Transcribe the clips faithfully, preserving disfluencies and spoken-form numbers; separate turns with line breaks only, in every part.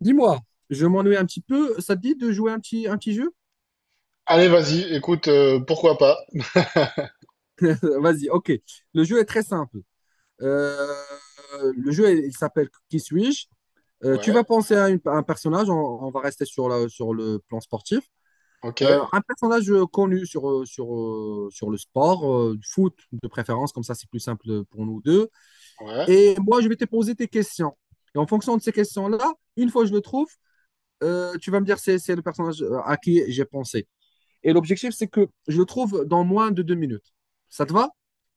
Dis-moi, je m'ennuie un petit peu. Ça te dit de jouer un petit, un petit jeu?
Allez, vas-y, écoute, euh, pourquoi pas?
Vas-y, ok. Le jeu est très simple. Euh, le jeu, il il s'appelle Qui suis-je? Euh, tu
Ouais,
vas penser à, une- à un personnage. On, on va rester sur, la- sur le plan sportif.
ok,
Euh, un personnage connu sur, euh, sur, euh, sur le sport, euh, du foot de préférence, comme ça c'est plus simple pour nous deux.
ouais.
Et moi, je vais te poser tes questions. Et en fonction de ces questions-là, une fois que je le trouve, euh, tu vas me dire c'est c'est le personnage à qui j'ai pensé. Et l'objectif, c'est que je le trouve dans moins de deux minutes. Ça te va?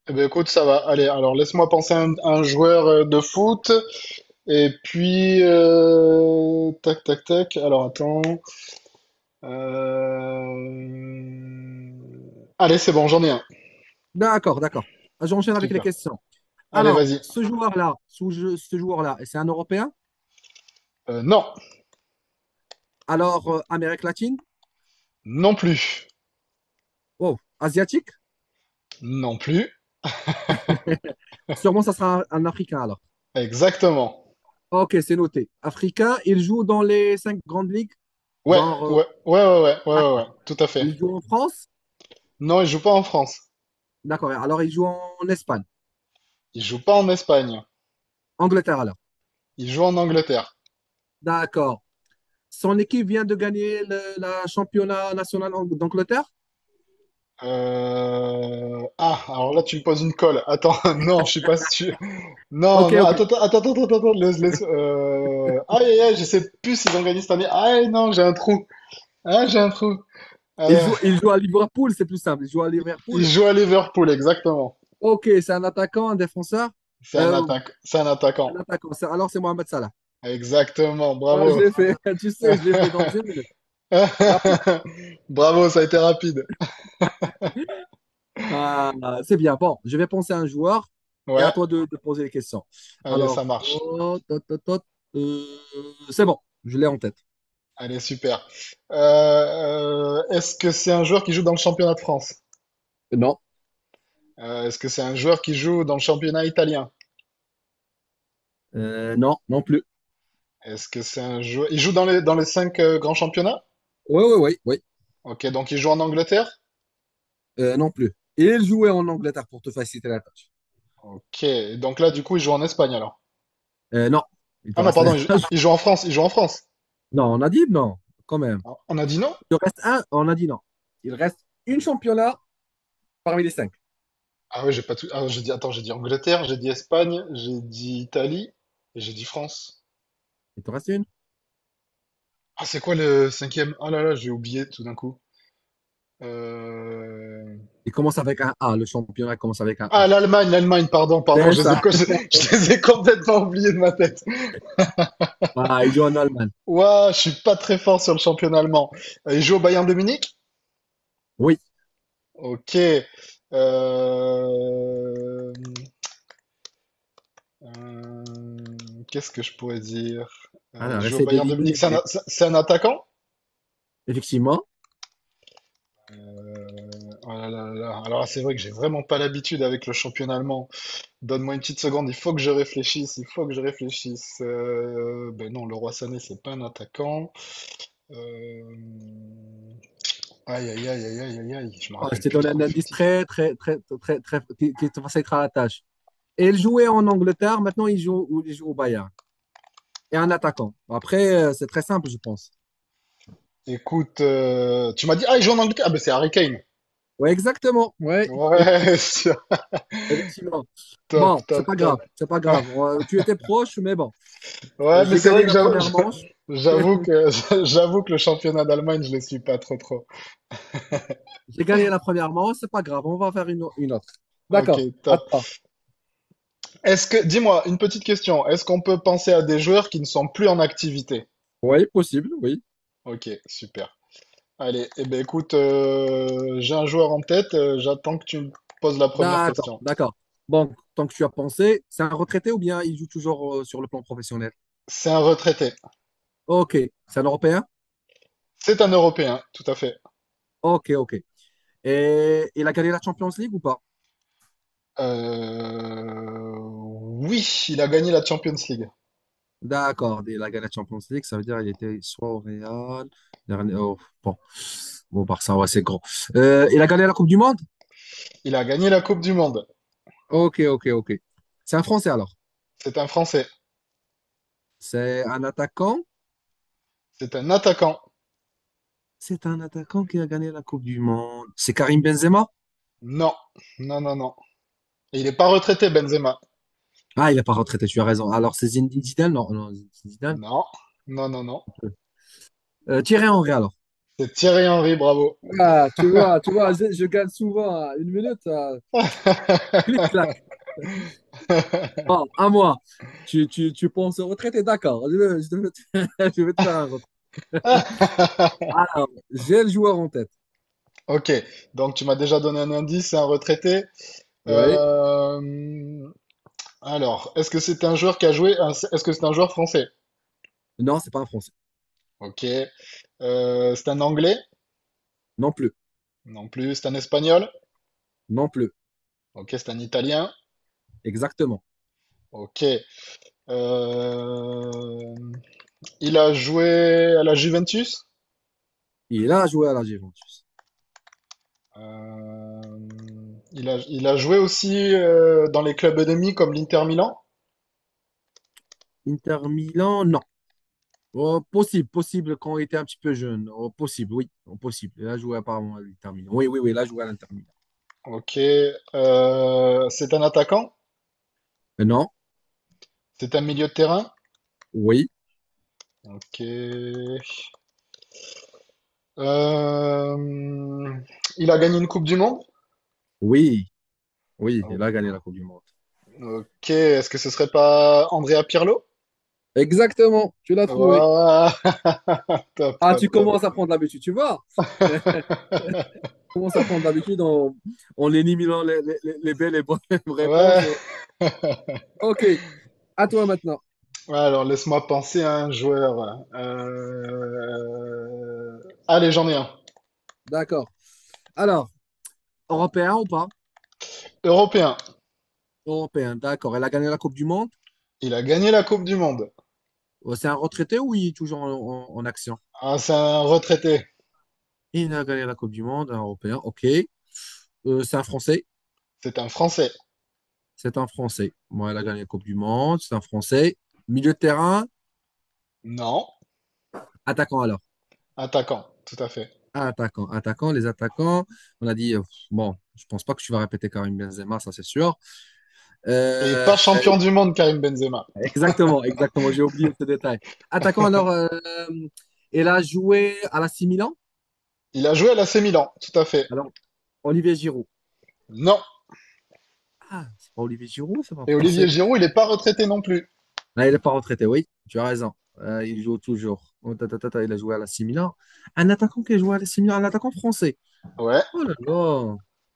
Eh ben, écoute, ça va. Allez, alors laisse-moi penser à un, un joueur euh, de foot. Et puis, euh, tac, tac, tac. Alors, attends. Euh, Allez, c'est bon, j'en ai un.
D'accord, d'accord. J'enchaîne avec les
Super.
questions.
Allez,
Alors,
vas-y.
ce joueur-là, ce, ce joueur-là, c'est un Européen?
Euh, non,
Alors, euh, Amérique latine?
non plus.
Oh, Asiatique?
Non plus.
Sûrement, ça sera un, un Africain alors.
Exactement.
Ok, c'est noté. Africain, il joue dans les cinq grandes ligues.
Ouais,
Genre, euh,
ouais, ouais, ouais, ouais, ouais,
ah,
ouais, ouais, tout à fait.
il joue en France?
Non, il joue pas en France.
D'accord. Alors, il joue en Espagne.
Il joue pas en Espagne.
Angleterre alors.
Il joue en Angleterre.
D'accord. Son équipe vient de gagner le, la championnat national en- d'Angleterre?
Euh, Ah, alors là, tu me poses une colle. Attends, non, je suis pas sûr. Non,
Ok,
non,
ok.
attends, attends, attends, attends, attends, laisse, laisse. Euh... Aïe, aïe, aïe, je sais plus s'ils ont gagné cette année. Aïe, non, j'ai un trou. Ah, j'ai un trou.
Il
Euh,
joue, il joue à Liverpool, c'est plus simple. Il joue à
il
Liverpool.
joue à Liverpool, exactement.
Ok, c'est un attaquant, un défenseur.
C'est un
Euh,
attaque, c'est un
un
attaquant.
attaquant. C'est- Alors c'est Mohamed Salah.
Exactement,
Ah, je
bravo.
l'ai fait. Tu sais, je l'ai fait dans une minute. Rappel-
Bravo, ça a été rapide.
Ah, c'est bien. Bon, je vais penser à un joueur et
Ouais,
à toi de, de poser les questions.
allez,
Alors,
ça marche.
oh, tot, tot, tot. Euh, c'est bon, je l'ai en tête.
Allez, super. Euh, euh, est-ce que c'est un joueur qui joue dans le championnat de France?
Non.
Euh, est-ce que c'est un joueur qui joue dans le championnat italien?
Euh, non, non plus.
Est-ce que c'est un joueur... Il joue dans les, dans les cinq euh, grands championnats?
Oui, oui, oui, oui.
Ok, donc il joue en Angleterre?
Euh, non plus. Il jouait en Angleterre pour te faciliter la tâche.
Ok, donc là, du coup, il joue en Espagne alors.
Euh, non, il
Ah
te
non,
reste.
pardon, il joue, il joue en France, il joue en France.
Non, on a dit non, quand même.
Ah, on a dit non?
Il en reste un, oh, on a dit non. Il reste une championnat parmi les cinq.
Ah ouais, j'ai pas tout... Ah, j'ai dit... Attends, j'ai dit Angleterre, j'ai dit Espagne, j'ai dit Italie, et j'ai dit France.
Il te reste une.
Ah, c'est quoi le cinquième? Oh là là, j'ai oublié tout d'un coup. Euh...
Il commence avec un A. Le championnat commence avec un
Ah,
A.
l'Allemagne, l'Allemagne, pardon, pardon,
C'est
je les ai,
ça.
co- je les ai complètement oubliés de ma tête.
Ah, il joue en Allemagne.
Ouah, je suis pas très fort sur le championnat allemand. Euh, Il joue au Bayern de Munich?
Oui.
Ok. Euh, euh, qu'est-ce que je pourrais dire? Euh, il
Alors,
joue au
essaie
Bayern de Munich, c'est un,
d'éliminer.
c'est- c'est un attaquant?
Effectivement.
Euh, oh là là là là. Alors là, c'est vrai que j'ai vraiment pas l'habitude avec le championnat allemand. Donne-moi une petite seconde, il faut que je réfléchisse, il faut que je réfléchisse. Euh, ben non, le Leroy Sané, c'est pas un attaquant. Euh, Aïe, aïe, aïe, aïe, aïe, aïe, aïe, je me
Ah, je
rappelle
t'ai
plus
donné
trop de
un indice
l'effectif.
très, très, très, très, très, qui, qui te facilitera la tâche. Et il jouait en Angleterre. Maintenant, il joue, il joue au Bayern. Et un attaquant. Après, euh, c'est très simple, je pense.
Écoute, euh, tu m'as dit, ah, il joue en Angleterre. Ah, ben c'est Harry Kane.
Oui, exactement. Oui,
Ouais, sûr.
effectivement.
Top,
Bon, c'est pas
top,
grave,
top.
c'est pas grave. Euh, Tu étais proche, mais bon,
Ouais, mais
j'ai
c'est
gagné
vrai que
la
j'avoue
première manche.
j'avoue que j'avoue que le championnat d'Allemagne, je ne le suis pas trop trop.
J'ai gagné la première manche, c'est pas grave, on va faire une, au- une autre.
Ok,
D'accord, à
top.
toi.
Est-ce que, dis-moi, une petite question. Est-ce qu'on peut penser à des joueurs qui ne sont plus en activité?
Oui, possible, oui.
Ok, super. Allez, eh ben écoute, euh, j'ai un joueur en tête. euh, j'attends que tu me poses la première
D'accord,
question.
d'accord. Donc, tant que tu as pensé, c'est un retraité ou bien il joue toujours euh, sur le plan professionnel?
C'est un retraité.
Ok, c'est un Européen?
C'est un Européen, tout à fait.
Ok, ok. Et il a gagné la Champions League ou pas?
Euh, Oui, il a gagné la Champions League.
D'accord, il a gagné la Champions League, ça veut dire qu'il était soit au Real, dernier- oh, bon, bon, au Barça, ouais, c'est gros. Euh, il a gagné la Coupe du Monde?
Il a gagné la Coupe du Monde.
Ok, ok, ok. C'est un Français alors.
C'est un Français.
C'est un attaquant?
C'est un attaquant.
C'est un attaquant qui a gagné la Coupe du Monde. C'est Karim Benzema?
Non, non, non, non. Et il n'est pas retraité, Benzema.
Ah, il n'est pas retraité, tu as raison. Alors, c'est Zinedine Zidane? Non, non, Zidane.
Non, non, non, non.
Euh, Thierry Henry, alors.
C'est Thierry Henry, bravo.
Ah, tu vois, tu vois, je, je gagne souvent hein, une minute. euh, clic, clac. Ah, à moi. Tu, tu, tu penses au retraité? D'accord. Je vais, je vais te, je vais te faire un retrait. Alors, j'ai le joueur en tête.
Ok, donc tu m'as déjà donné un indice, c'est un retraité.
Ouais.
Euh, Alors, est-ce que c'est un joueur qui a joué, est-ce que c'est un joueur français?
Non, c'est pas un Français.
Ok. Euh, c'est un anglais?
Non plus.
Non plus. C'est un espagnol?
Non plus.
Ok, c'est un italien.
Exactement.
Ok. Euh, il a joué à la Juventus.
Il a joué à la Juventus.
Euh, il a, il a joué aussi euh, dans les clubs ennemis comme l'Inter Milan.
Inter Milan, non. Oh, possible, possible quand on était un petit peu jeune. Oh, possible, oui, oh, possible. Il a joué apparemment à l'Inter Milan. Oui, oui, oui, il a joué à l'Inter Milan.
Ok. Euh, c'est un attaquant.
Euh, Non,
C'est un milieu de terrain.
oui,
Ok. Euh, il a gagné une Coupe du Monde.
oui, oui,
O-
il a gagné la Coupe du Monde.
Ok. Est-ce que ce serait pas Andrea Pirlo?
Exactement, tu l'as trouvé.
Ouah, top,
Ah, tu
top, top.
commences à prendre l'habitude, tu vois. Tu commences à prendre l'habitude en, en éliminant les, les- les- les belles et bonnes
Ouais.
réponses. et- Ok, à toi maintenant.
Ouais, alors, laisse-moi penser à un joueur. Voilà. Euh, allez, j'en ai un.
D'accord. Alors, européen ou pas?
Européen.
Européen, d'accord. Elle a gagné la Coupe du Monde.
Il a gagné la Coupe du Monde.
Euh, C'est un retraité ou il est toujours en, en- en action?
Ah, c'est un retraité.
Il a gagné la Coupe du Monde, un européen. Ok. Euh, c'est un Français.
C'est un Français.
C'est un Français. Bon, elle a gagné la Coupe du Monde. C'est un Français. Milieu de terrain,
Non.
attaquant alors.
Attaquant. Tout à fait.
Attaquant, attaquant, les attaquants. On a dit, euh, bon, je pense pas que tu vas répéter Karim Benzema, ça c'est sûr.
Et
Euh,
pas champion du monde, Karim Benzema.
exactement, exactement, j'ai oublié ce détail. Attaquant alors, euh, elle a joué à la C Milan.
Il a joué à l'A C Milan. Tout à fait.
Alors, Olivier Giroud.
Non.
Ah, c'est pas Olivier Giroud, c'est pas un
Et Olivier
français.
Giroud, il n'est pas retraité non plus.
Là, il est pas retraité, oui, tu as raison. Euh, il joue toujours. Oh, ta, ta, ta, ta, il a joué à la C Milan. Un attaquant qui a joué à la C Milan, un attaquant français.
Ouais.
Oh là là,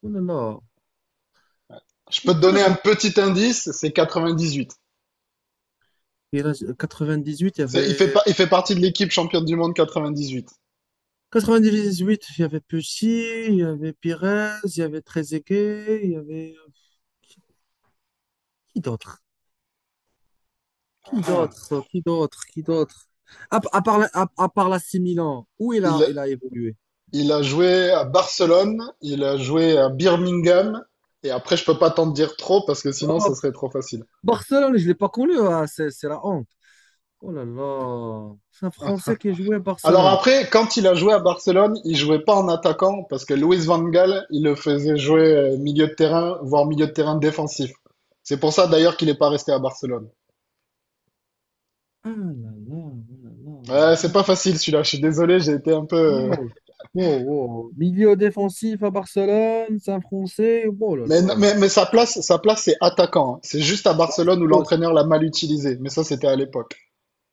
oh là là, je
Je peux
connais
te
pas
donner un
d'attaque.
petit indice. C'est quatre-vingt-dix-huit.
Et là, quatre-vingt-dix-huit, il y
C'est- Il fait,
avait
pas- il fait partie de l'équipe championne du monde quatre-vingt-dix-huit.
quatre-vingt-dix-huit, il y avait Pessi, il y avait Pires, il y avait Trezeguet, il y avait qui qui d'autre?
Ah,
Qui
ah.
d'autre? Qui d'autre? Qui d'autre? À, à part la- à, à part l'A C Milan, où il a
Il,
il a évolué?
il a joué à Barcelone, il a joué à Birmingham, et après, je peux pas t'en dire trop parce que sinon,
Oh,
ça serait trop facile.
Barcelone, je l'ai pas connu, ah, c'est c'est la honte. Oh là là, c'est un Français qui a joué à
Alors
Barcelone.
après, quand il a joué à Barcelone, il jouait pas en attaquant parce que Luis Van Gaal, il le faisait jouer euh, milieu de terrain, voire milieu de terrain défensif. C'est pour ça d'ailleurs qu'il n'est pas resté à Barcelone.
Ah là là, oh là là, oh là
Ouais, c'est
là.
pas facile celui-là, je suis désolé, j'ai été un peu. euh,
Wow, wow, wow. Milieu défensif à Barcelone, Saint-Français, oh là
Mais,
là.
mais, mais sa place, sa place c'est attaquant, hein. C'est juste à Barcelone où
Oh,
l'entraîneur l'a mal utilisé. Mais ça, c'était à l'époque.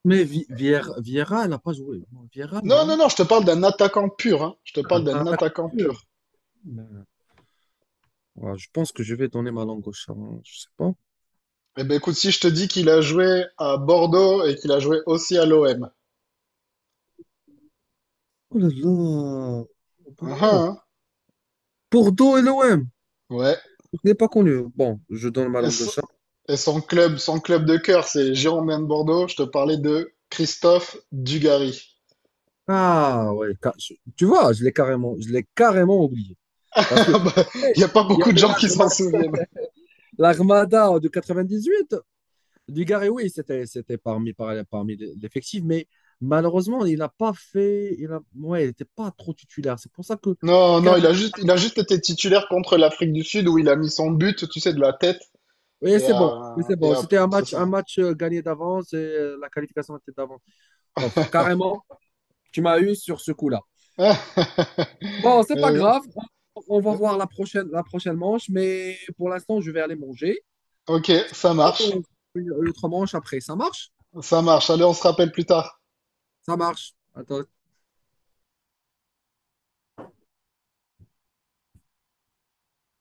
mais Vi- Vier- Vieira, elle n'a pas joué. Vieira,
Non, non,
non.
non, je te parle d'un attaquant pur, hein. Je te
Ah,
parle
ah,
d'un
t'as
attaquant
compris.
pur.
Ouais, je pense que je vais donner ma langue au chat. Hein, je sais pas.
Eh ben écoute, si je te dis qu'il a joué à Bordeaux et qu'il a joué aussi à l'O M.
Oh là là. Oh. Bah,
Ah, ah,
oh.
hein.
Bordeaux et l'O M.
Ouais.
Je n'ai pas connu. Bon, je donne ma
Et,
langue au
so-
chat.
et son club, son club de cœur, c'est Girondins de Bordeaux. Je te parlais de Christophe Dugarry.
Ah ouais. ca- je- Tu vois, je l'ai carrément, je l'ai carrément oublié. Parce que
Il
hey,
n'y a pas
il y
beaucoup de
avait
gens qui s'en
l'Arma-
souviennent.
l'Armada de quatre-vingt-dix-huit. Dugarry, oui, c'était, c'était parmi, par- parmi l'effectif, mais malheureusement, il n'a pas fait. Il a, ouais, il n'était pas trop titulaire. C'est pour ça que.
Non, non,
car-
il a juste, il a juste été titulaire contre l'Afrique du Sud où il a mis son but, tu sais, de la tête.
Oui,
Et,
c'est bon. Oui,
à,
c'est
et
bon.
à-
C'était un
c'est
match, un
ça.
match euh, gagné d'avance et euh, la qualification était d'avance. Bon, carrément, tu m'as eu sur ce coup-là. Bon, c'est pas
Euh,
grave. On, on va
euh,
voir la prochaine, la prochaine manche, mais pour l'instant, je vais aller manger.
ok, ça
Et
marche.
on- une autre manche après. Ça marche?
Ça marche. Allez, on se rappelle plus tard.
Ça marche. Attends,